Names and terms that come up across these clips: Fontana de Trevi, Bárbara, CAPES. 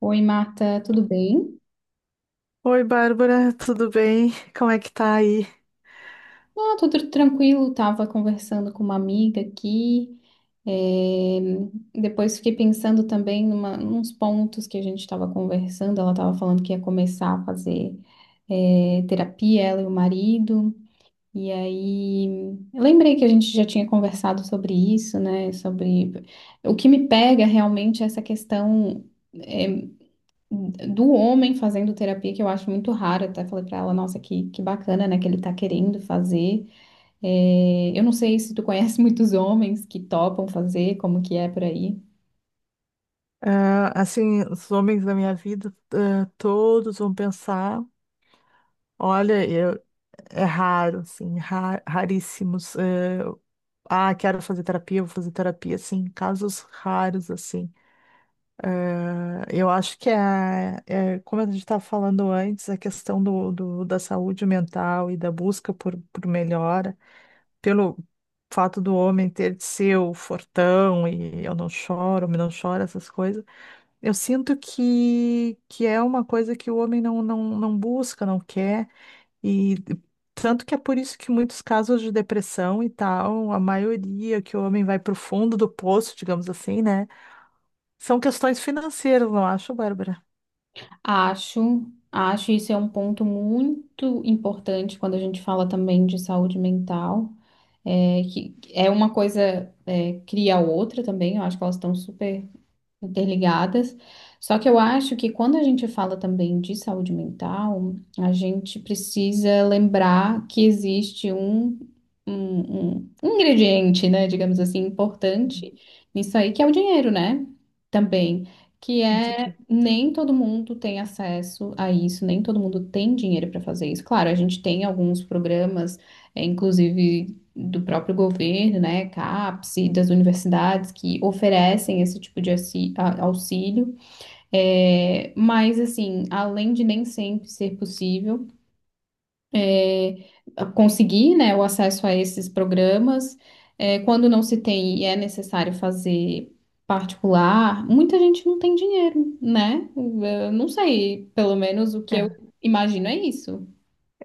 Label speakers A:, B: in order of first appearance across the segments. A: Oi, Marta, tudo bem?
B: Oi, Bárbara, tudo bem? Como é que tá aí?
A: Ah, tudo tranquilo. Tava conversando com uma amiga aqui. eh, Depois fiquei pensando também numa, nos pontos que a gente estava conversando. Ela estava falando que ia começar a fazer terapia, ela e o marido. E aí, eu lembrei que a gente já tinha conversado sobre isso, né? Sobre o que me pega realmente é essa questão. eh, do homem fazendo terapia, que eu acho muito raro, até falei pra ela, nossa, que bacana, né, que ele tá querendo fazer. É, eu não sei se tu conhece muitos homens que topam fazer, como que é por aí.
B: Ah, assim, os homens da minha vida, ah, todos vão pensar, olha, eu, é raro, assim, raríssimos. Quero fazer terapia, vou fazer terapia, assim, casos raros, assim. Ah, eu acho que é, como a gente estava falando antes, a questão da saúde mental e da busca por melhora. Pelo fato do homem ter de ser o fortão e eu não choro, homem não chora, essas coisas, eu sinto que é uma coisa que o homem não busca, não quer, e tanto que é por isso que muitos casos de depressão e tal, a maioria que o homem vai pro fundo do poço, digamos assim, né? São questões financeiras, não acho, Bárbara?
A: Acho, acho isso é um ponto muito importante quando a gente fala também de saúde mental, é, que é uma coisa, é, cria a outra também, eu acho que elas estão super interligadas. Só que eu acho que quando a gente fala também de saúde mental, a gente precisa lembrar que existe um ingrediente, né, digamos assim,
B: Hum.
A: importante nisso aí, que é o dinheiro, né? Também. Que
B: Com
A: é
B: certeza.
A: nem todo mundo tem acesso a isso, nem todo mundo tem dinheiro para fazer isso. Claro, a gente tem alguns programas, é, inclusive do próprio governo, né, CAPES e das universidades que oferecem esse tipo de auxílio. É, mas assim, além de nem sempre ser possível é, conseguir, né, o acesso a esses programas, é, quando não se tem e é necessário fazer particular, muita gente não tem dinheiro, né? Eu não sei, pelo menos o que eu
B: É.
A: imagino é isso.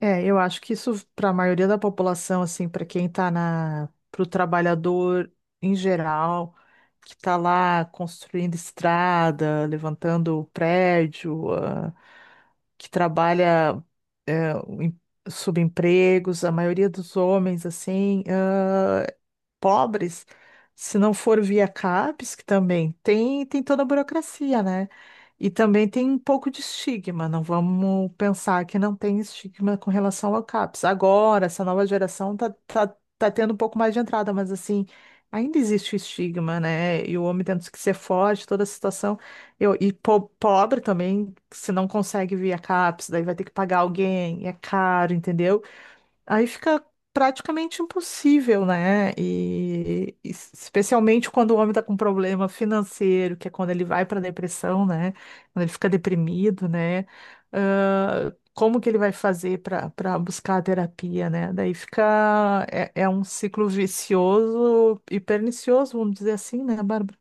B: É, eu acho que isso para a maioria da população, assim, para quem para o trabalhador em geral, que tá lá construindo estrada, levantando prédio, ah, que trabalha eh, em subempregos, a maioria dos homens, assim, ah, pobres, se não for via CAPES, que também tem toda a burocracia, né? E também tem um pouco de estigma, não vamos pensar que não tem estigma com relação ao CAPES. Agora, essa nova geração tá tendo um pouco mais de entrada, mas assim, ainda existe o estigma, né? E o homem tendo que ser forte, toda a situação. Eu, e Pobre também, se não consegue via CAPES, daí vai ter que pagar alguém, é caro, entendeu? Aí fica praticamente impossível, né? E especialmente quando o homem está com problema financeiro, que é quando ele vai para depressão, né? Quando ele fica deprimido, né? Ah, como que ele vai fazer para buscar a terapia, né? Daí fica é um ciclo vicioso e pernicioso, vamos dizer assim, né, Bárbara?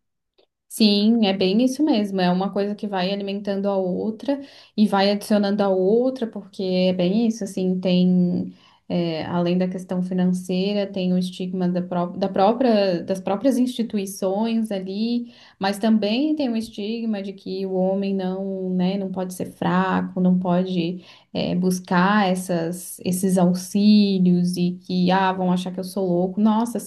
A: Sim, é bem isso mesmo. É uma coisa que vai alimentando a outra e vai adicionando a outra, porque é bem isso, assim, tem, é, além da questão financeira, tem o estigma da, da própria, das próprias instituições ali, mas também tem o estigma de que o homem não, né, não pode ser fraco, não pode, é, buscar essas, esses auxílios e que, ah, vão achar que eu sou louco. Nossa,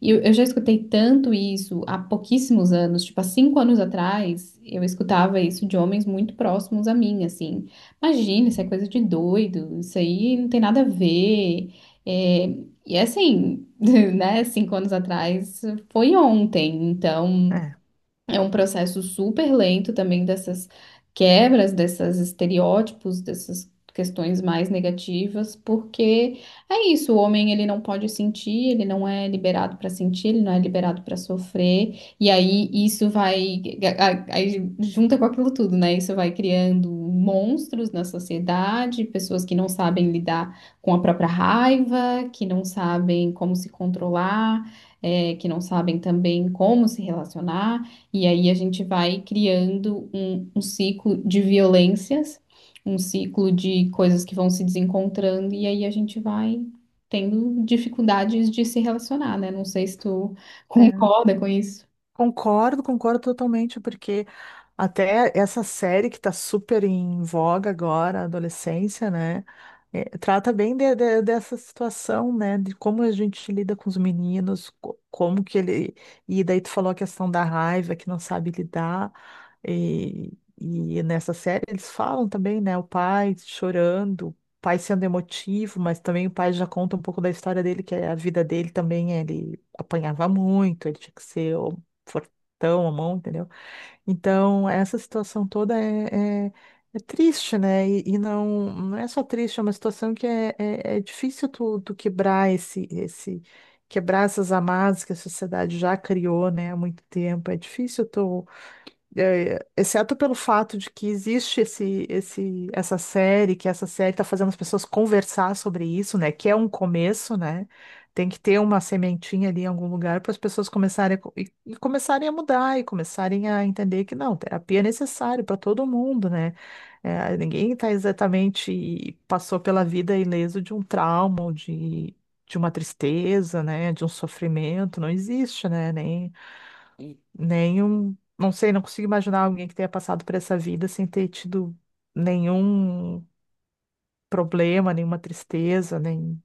A: e eu já escutei tanto isso há pouquíssimos anos, tipo, há cinco anos atrás, eu escutava isso de homens muito próximos a mim, assim. Imagina, isso é coisa de doido, isso aí não tem nada a ver. É, e assim, né, cinco anos atrás foi ontem, então é um processo super lento também dessas quebras, desses estereótipos, dessas questões mais negativas, porque é isso, o homem ele não pode sentir, ele não é liberado para sentir, ele não é liberado para sofrer, e aí isso vai, aí junta com aquilo tudo, né? Isso vai criando monstros na sociedade, pessoas que não sabem lidar com a própria raiva, que não sabem como se controlar, que não sabem também como se relacionar. E aí a gente vai criando um ciclo de violências, um ciclo de coisas que vão se desencontrando, e aí a gente vai tendo dificuldades de se relacionar, né? Não sei se tu
B: É.
A: concorda com isso.
B: Concordo totalmente, porque até essa série que está super em voga agora, a adolescência, né? Trata bem dessa situação, né? De como a gente lida com os meninos, como que ele. E daí tu falou a questão da raiva, que não sabe lidar. E, e nessa série eles falam também, né? O pai chorando, o pai sendo emotivo, mas também o pai já conta um pouco da história dele, que é a vida dele também, ele apanhava muito, ele tinha que ser fortão a mão, entendeu? Então, essa situação toda é triste, né? Não, não é só triste, é uma situação que é difícil tu quebrar quebrar essas amarras que a sociedade já criou, né, há muito tempo. É difícil tu é, exceto pelo fato de que existe essa série, que essa série está fazendo as pessoas conversar sobre isso, né? Que é um começo, né? Tem que ter uma sementinha ali em algum lugar para as pessoas começarem e começarem a mudar e começarem a entender que não, terapia é necessário para todo mundo, né? É, ninguém está exatamente passou pela vida ileso de um trauma, ou de uma tristeza, né? De um sofrimento, não existe, né? Nem Nenhum, não sei, não consigo imaginar alguém que tenha passado por essa vida sem ter tido nenhum problema, nenhuma tristeza, nem,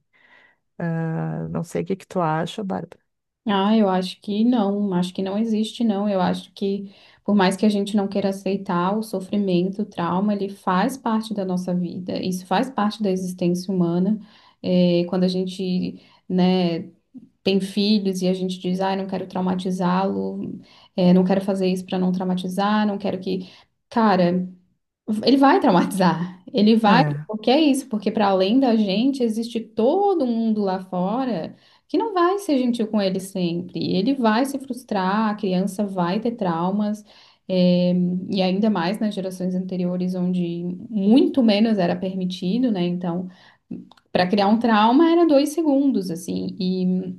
B: ah, não sei o que que tu acha, Bárbara.
A: Ah, eu acho que não existe, não. Eu acho que, por mais que a gente não queira aceitar o sofrimento, o trauma, ele faz parte da nossa vida, isso faz parte da existência humana. É, quando a gente, né, tem filhos e a gente diz, ai, não quero traumatizá-lo, é, não quero fazer isso para não traumatizar, não quero que. Cara, ele vai traumatizar. Ele vai,
B: É.
A: porque é isso, porque para além da gente, existe todo mundo lá fora que não vai ser gentil com ele sempre. Ele vai se frustrar, a criança vai ter traumas. É, e ainda mais nas gerações anteriores, onde muito menos era permitido, né? Então, para criar um trauma era dois segundos, assim. E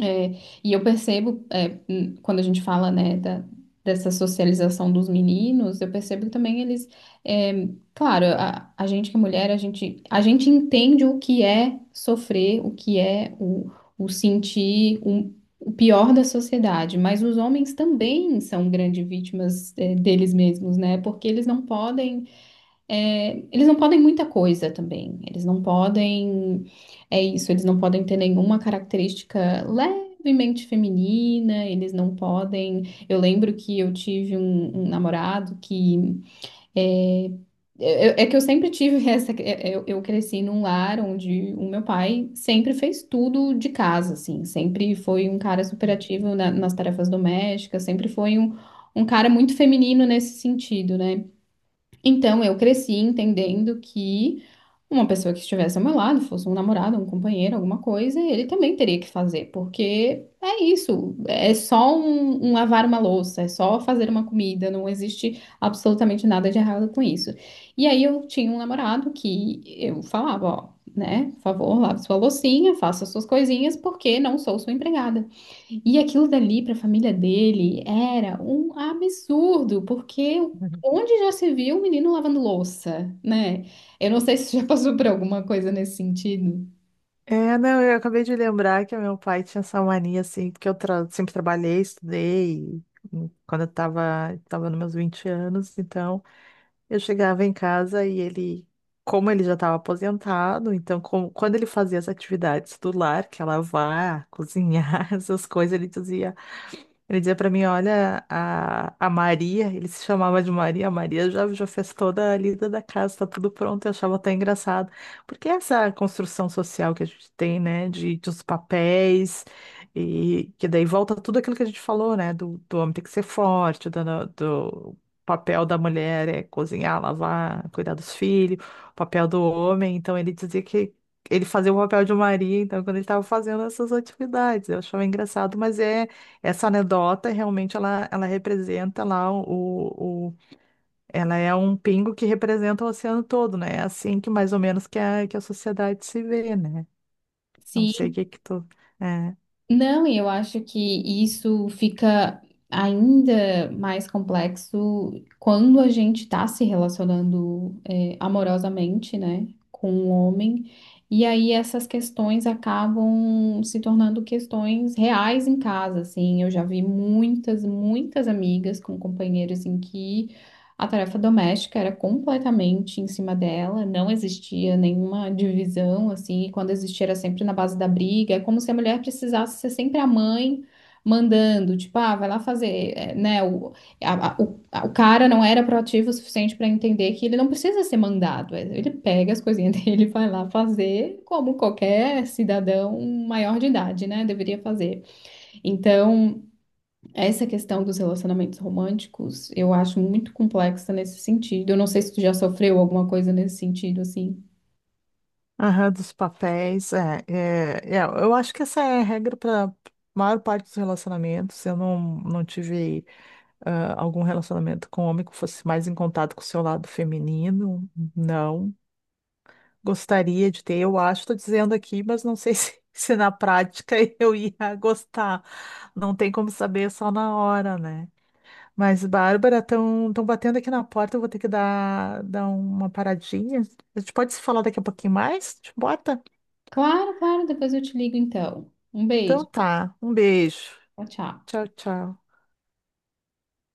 A: é, e eu percebo, é, quando a gente fala, né, da, dessa socialização dos meninos, eu percebo que também eles, é, claro, a gente que é mulher, a gente entende o que é sofrer, o que é o sentir o pior da sociedade, mas os homens também são grandes vítimas, é, deles mesmos, né, porque eles não podem é, eles não podem muita coisa também. Eles não podem. É isso, eles não podem ter nenhuma característica levemente feminina, eles não podem. Eu lembro que eu tive um namorado que. É, que eu sempre tive essa. Eu cresci num lar onde o meu pai sempre fez tudo de casa, assim. Sempre foi um cara super ativo nas tarefas domésticas, sempre foi um cara muito feminino nesse sentido, né? Então, eu cresci entendendo que uma pessoa que estivesse ao meu lado, fosse um namorado, um companheiro, alguma coisa, ele também teria que fazer, porque é isso, é só um lavar uma louça, é só fazer uma comida, não existe absolutamente nada de errado com isso. E aí eu tinha um namorado que eu falava, ó, né, por favor, lave sua loucinha, faça suas coisinhas, porque não sou sua empregada. E aquilo dali para a família dele era um absurdo, porque onde já se viu um menino lavando louça, né? Eu não sei se você já passou por alguma coisa nesse sentido.
B: É, não, eu acabei de lembrar que meu pai tinha essa mania, assim, porque sempre trabalhei, estudei, e, quando tava nos meus 20 anos, então. Eu chegava em casa e ele, como ele já estava aposentado, então quando ele fazia as atividades do lar, que é lavar, cozinhar, essas coisas, ele dizia. Ele dizia pra mim, olha, a Maria, ele se chamava de Maria, a Maria já fez toda a lida da casa, tá tudo pronto, eu achava até engraçado. Porque essa construção social que a gente tem, né, de os papéis, e que daí volta tudo aquilo que a gente falou, né, do homem ter que ser forte, do, do papel da mulher é cozinhar, lavar, cuidar dos filhos, o papel do homem, então ele dizia que ele fazia o papel de Maria, então, quando ele estava fazendo essas atividades, eu achava engraçado, mas é essa anedota realmente ela representa lá o, o- ela é um pingo que representa o oceano todo, né? É assim que mais ou menos que que a sociedade se vê, né? Não sei o
A: Se
B: que que tu é.
A: não, e eu acho que isso fica ainda mais complexo quando a gente está se relacionando é, amorosamente, né, com um homem. E aí essas questões acabam se tornando questões reais em casa, assim. Eu já vi muitas, muitas amigas com companheiros em que a tarefa doméstica era completamente em cima dela, não existia nenhuma divisão, assim, e quando existia era sempre na base da briga, é como se a mulher precisasse ser sempre a mãe mandando, tipo, ah, vai lá fazer, eh, né? O, o cara não era proativo o suficiente para entender que ele não precisa ser mandado, eh, ele pega as coisinhas dele e vai lá fazer como qualquer cidadão maior de idade, né? Deveria fazer. Então. Essa questão dos relacionamentos românticos, eu acho muito complexa nesse sentido. Eu não sei se tu já sofreu alguma coisa nesse sentido, assim.
B: Aham, dos papéis, é, eu acho que essa é a regra para maior parte dos relacionamentos. Eu não, Não tive ah, algum relacionamento com homem que fosse mais em contato com o seu lado feminino, não. Gostaria de ter, eu acho, estou dizendo aqui, mas não sei se, se na prática eu ia gostar. Não tem como saber é só na hora, né? Mas, Bárbara, estão batendo aqui na porta, eu vou ter que dar uma paradinha. A gente pode se falar daqui a pouquinho mais? Te bota?
A: Claro, claro, depois eu te ligo então. Um
B: Então
A: beijo.
B: tá, um beijo.
A: Tchau, tchau.
B: Tchau, tchau.